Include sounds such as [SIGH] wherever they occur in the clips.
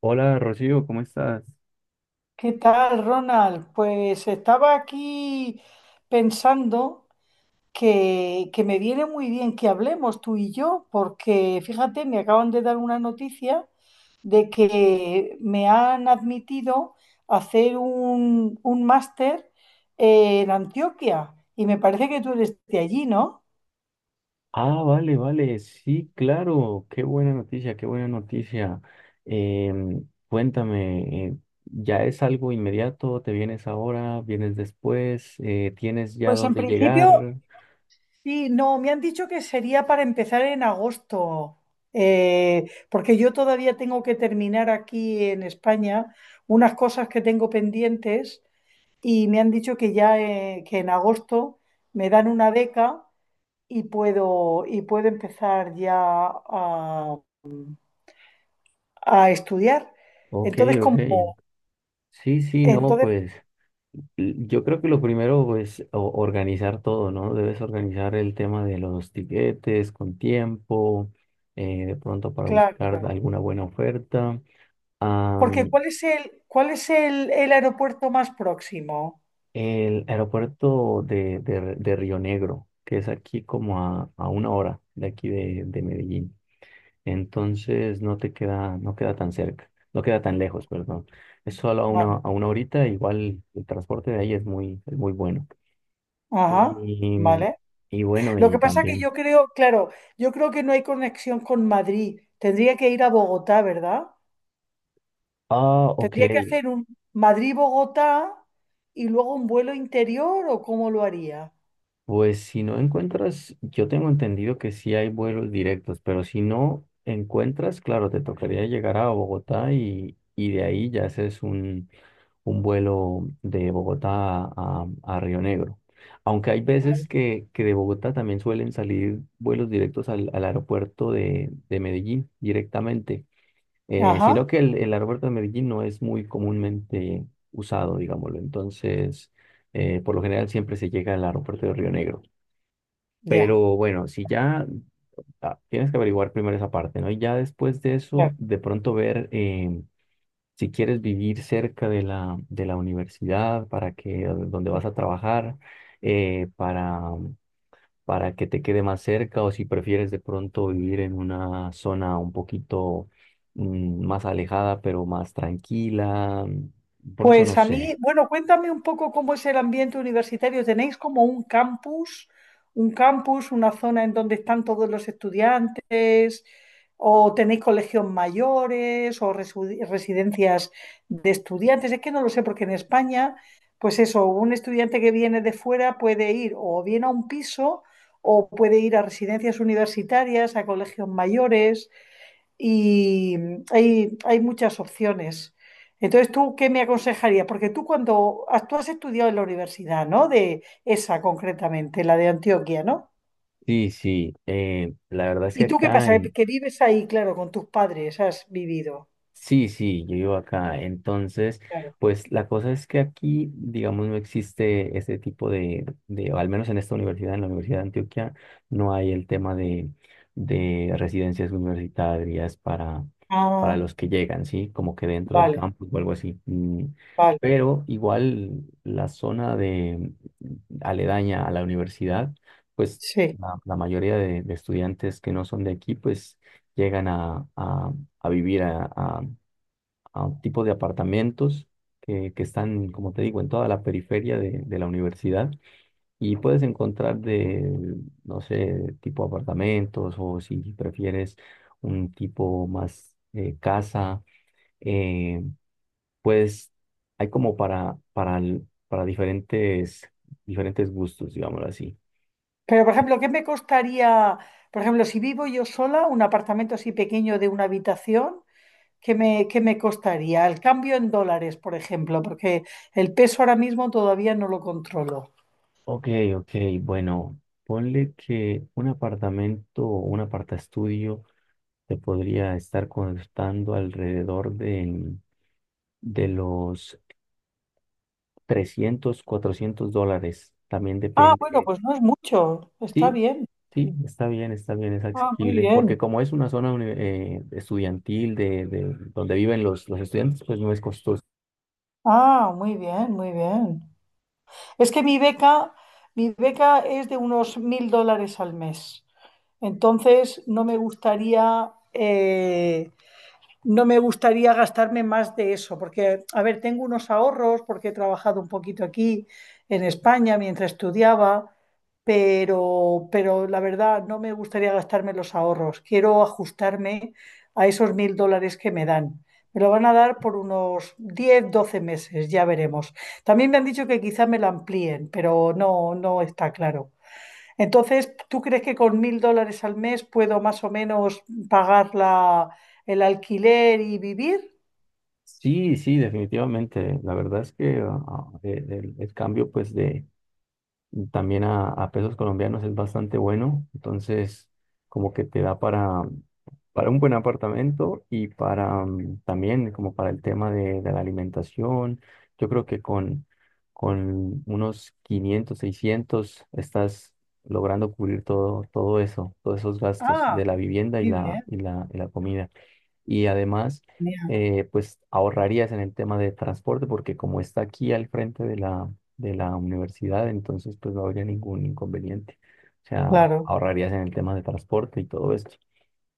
Hola Rocío, ¿cómo estás? ¿Qué tal, Ronald? Pues estaba aquí pensando que me viene muy bien que hablemos tú y yo, porque fíjate, me acaban de dar una noticia de que me han admitido a hacer un máster en Antioquia y me parece que tú eres de allí, ¿no? Ah, vale, vale, sí, claro, qué buena noticia, qué buena noticia. Cuéntame, ¿ya es algo inmediato? ¿Te vienes ahora? ¿Vienes después? ¿Tienes ya Pues en dónde principio llegar? sí. No, me han dicho que sería para empezar en agosto, porque yo todavía tengo que terminar aquí en España unas cosas que tengo pendientes y me han dicho que ya que en agosto me dan una beca y puedo empezar ya a, a estudiar. Ok, Entonces, ok. Sí, sí, no, entonces, pues yo creo que lo primero es organizar todo, ¿no? Debes organizar el tema de los tiquetes con tiempo, de pronto para buscar claro, alguna buena oferta. porque ¿cuál es el aeropuerto más próximo? El aeropuerto de Río Negro, que es aquí como a una hora de aquí de Medellín. Entonces no te queda, no queda tan cerca, no queda tan lejos, perdón. Es solo a Vale. a una horita, igual el transporte de ahí es muy bueno. Ajá, Y, vale. y bueno, Lo y que pasa que también. yo creo, claro, yo creo que no hay conexión con Madrid. Tendría que ir a Bogotá, ¿verdad? Ah, ok. Tendría que hacer un Madrid-Bogotá y luego un vuelo interior o cómo lo haría. Pues si no encuentras, yo tengo entendido que sí hay vuelos directos, pero si no encuentras, claro, te tocaría llegar a Bogotá y de ahí ya haces un vuelo de Bogotá a Río Negro. Aunque hay veces Vale. Que de Bogotá también suelen salir vuelos directos al aeropuerto de Medellín directamente, Ajá, sino que el aeropuerto de Medellín no es muy comúnmente usado, digámoslo. Entonces, por lo general siempre se llega al aeropuerto de Río Negro. ya. Pero bueno, si ya tienes que averiguar primero esa parte, ¿no? Y ya después de Claro. eso, de pronto ver si quieres vivir cerca de de la universidad, para que donde vas a trabajar, eh, para, para que te quede más cerca, o si prefieres de pronto vivir en una zona un poquito más alejada, pero más tranquila. Pronto no Pues a mí, sé. bueno, cuéntame un poco cómo es el ambiente universitario. ¿Tenéis como un campus, una zona en donde están todos los estudiantes? ¿O tenéis colegios mayores o residencias de estudiantes? Es que no lo sé, porque en España, pues eso, un estudiante que viene de fuera puede ir o bien a un piso o puede ir a residencias universitarias, a colegios mayores y hay muchas opciones. Entonces, ¿tú qué me aconsejarías? Porque tú has estudiado en la universidad, ¿no? De esa concretamente, la de Antioquia, ¿no? Sí, sí. La verdad es ¿Y que tú qué acá, pasa? Que vives ahí, claro, con tus padres, has vivido, sí, sí, yo vivo acá. Entonces, claro. pues la cosa es que aquí, digamos, no existe ese tipo o al menos en esta universidad, en la Universidad de Antioquia, no hay el tema de residencias universitarias para Ah, los que llegan, ¿sí? Como que dentro del vale, campus o algo así. Vale, Pero igual la zona de aledaña a la universidad, pues sí. La mayoría de estudiantes que no son de aquí, pues llegan a vivir a un tipo de apartamentos que están, como te digo, en toda la periferia de la universidad y puedes encontrar no sé, tipo apartamentos o si prefieres un tipo más casa, eh, pues hay como para diferentes, diferentes gustos, digámoslo así. Pero, por ejemplo, ¿qué me costaría, por ejemplo, si vivo yo sola, un apartamento así pequeño de una habitación, ¿qué me costaría? El cambio en dólares, por ejemplo, porque el peso ahora mismo todavía no lo controlo. Ok, ok, bueno, ponle que un apartamento o un apartaestudio se podría estar costando alrededor de los 300 400 dólares. También Ah, bueno, depende. pues no es mucho. Está Sí, bien. sí, está bien, es Ah, muy asequible. Porque bien. como es una zona estudiantil de donde viven los estudiantes, pues no es costoso. Ah, muy bien, muy bien. Es que mi beca es de unos $1.000 al mes. Entonces, no me gustaría gastarme más de eso, porque, a ver, tengo unos ahorros, porque he trabajado un poquito aquí en España mientras estudiaba, pero la verdad no me gustaría gastarme los ahorros. Quiero ajustarme a esos $1.000 que me dan. Me lo van a dar por unos 10, 12 meses, ya veremos. También me han dicho que quizá me lo amplíen, pero no, no está claro. Entonces, ¿tú crees que con $1.000 al mes puedo más o menos pagar el alquiler y vivir? Sí, sí, definitivamente. La verdad es que el cambio pues de también a pesos colombianos es bastante bueno, entonces como que te da para un buen apartamento y para también como para el tema de la alimentación. Yo creo que con unos 500 600 estás logrando cubrir todo, todo eso, todos esos gastos Ah, de la vivienda muy bien, y la comida y además, mira, pues ahorrarías en el tema de transporte, porque como está aquí al frente de de la universidad, entonces pues no habría ningún inconveniente. O sea, claro. ahorrarías en el tema de transporte y todo esto.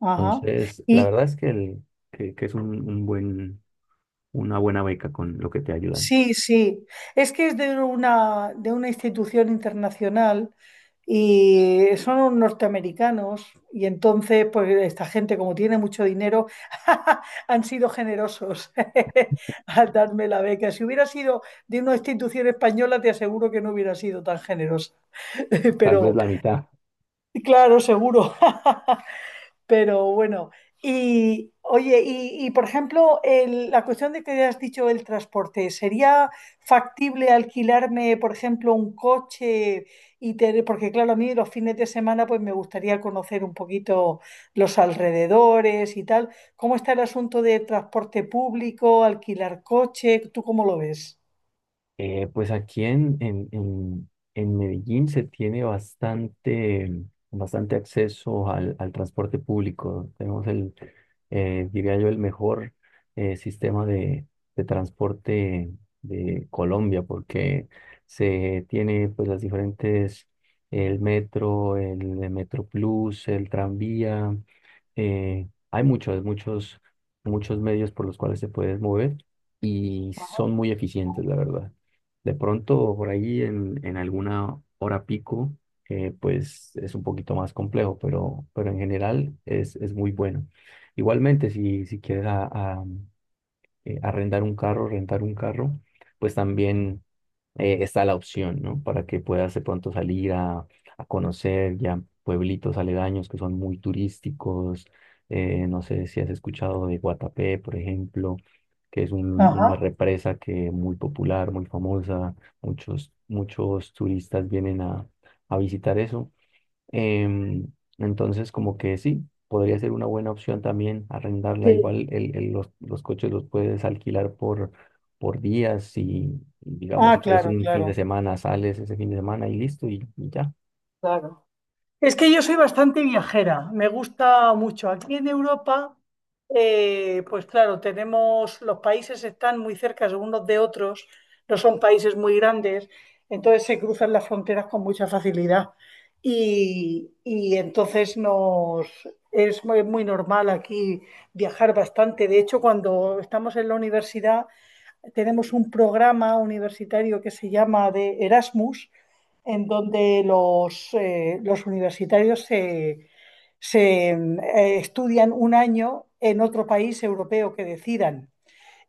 Ajá. Entonces, la y. verdad es que es un buen, una buena beca con lo que te ayudan. Sí, sí. Es que es de una institución internacional y son unos norteamericanos y entonces, pues esta gente, como tiene mucho dinero, [LAUGHS] han sido generosos [LAUGHS] al darme la beca. Si hubiera sido de una institución española, te aseguro que no hubiera sido tan generosa. [LAUGHS] Tal vez Pero, la mitad. claro, seguro. [LAUGHS] Pero bueno, y oye, y, por ejemplo, la cuestión de que has dicho el transporte, ¿sería factible alquilarme, por ejemplo, un coche y tener, porque claro, a mí los fines de semana pues me gustaría conocer un poquito los alrededores y tal. ¿Cómo está el asunto de transporte público, alquilar coche? ¿Tú cómo lo ves? Pues aquí en Medellín se tiene bastante, bastante acceso al transporte público. Tenemos diría yo, el mejor sistema de transporte de Colombia, porque se tiene pues las diferentes, el metro, Metro Plus, el tranvía. Hay muchos, muchos, muchos medios por los cuales se puede mover y son muy eficientes, la verdad. De pronto, por ahí en alguna hora pico, pues es un poquito más complejo, pero en general es muy bueno. Igualmente, si quieres arrendar un carro, rentar un carro, pues también está la opción, ¿no? Para que puedas de pronto salir a conocer ya pueblitos aledaños que son muy turísticos. No sé si has escuchado de Guatapé, por ejemplo, que es Ajá, una represa que muy popular, muy famosa. Muchos, muchos turistas vienen a visitar eso. Em, entonces, como que sí, podría ser una buena opción también arrendarla. sí. Igual los coches los puedes alquilar por días y digamos, Ah, si quieres claro, un fin de claro, semana, sales ese fin de semana y listo y ya. claro. Es que yo soy bastante viajera, me gusta mucho. Aquí en Europa, pues claro, tenemos, los países están muy cerca unos de otros, no son países muy grandes, entonces se cruzan las fronteras con mucha facilidad. Y entonces nos, es muy, muy normal aquí viajar bastante. De hecho, cuando estamos en la universidad, tenemos un programa universitario que se llama de Erasmus, en donde los universitarios se, se estudian un año en otro país europeo que decidan.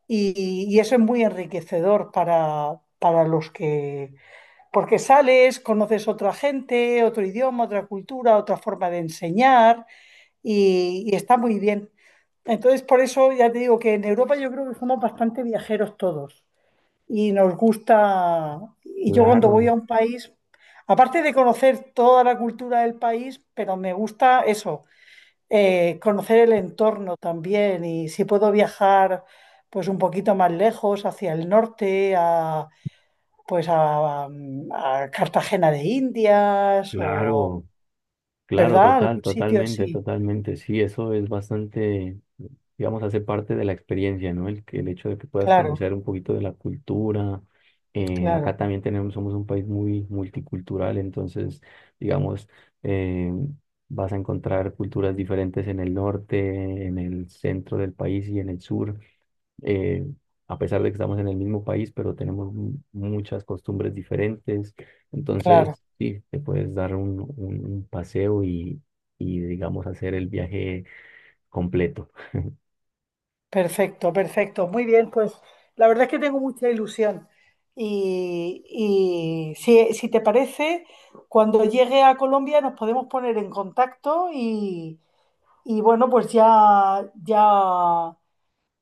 Y eso es muy enriquecedor para los que, porque sales, conoces otra gente, otro idioma, otra cultura, otra forma de enseñar y está muy bien. Entonces, por eso ya te digo que en Europa yo creo que somos bastante viajeros todos y nos gusta. Y yo cuando voy a Claro, un país, aparte de conocer toda la cultura del país, pero me gusta eso, conocer el entorno también y si puedo viajar pues un poquito más lejos, hacia el norte, a Cartagena de Indias o, claro. Claro, ¿verdad? total, Algún sitio totalmente, así. totalmente. Sí, eso es bastante, digamos, hace parte de la experiencia, ¿no? El hecho de que puedas Claro, conocer un poquito de la cultura. Claro, Acá también tenemos, somos un país muy multicultural, entonces, digamos, eh, vas a encontrar culturas diferentes en el norte, en el centro del país y en el sur, eh, a pesar de que estamos en el mismo país, pero tenemos muchas costumbres diferentes. claro. Entonces, sí, te puedes dar un, un paseo y, digamos, hacer el viaje completo. Perfecto, perfecto. Muy bien, pues la verdad es que tengo mucha ilusión. Y si te parece, cuando llegue a Colombia nos podemos poner en contacto y bueno, pues ya, ya,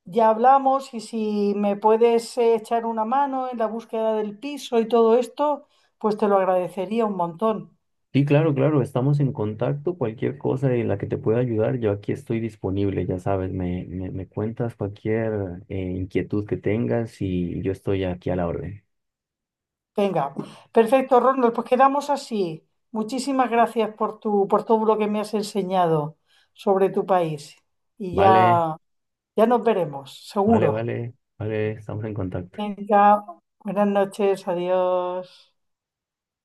ya hablamos y si me puedes echar una mano en la búsqueda del piso y todo esto, pues te lo agradecería un montón. Sí, claro, claro, estamos en contacto. Cualquier cosa en la que te pueda ayudar, yo aquí estoy disponible, ya sabes, me cuentas cualquier inquietud que tengas y yo estoy aquí a la orden. Venga, perfecto, Ronald, pues quedamos así. Muchísimas gracias por por todo lo que me has enseñado sobre tu país. Y Vale, ya nos veremos, vale, seguro. vale, vale, estamos en contacto. Venga, buenas noches, adiós.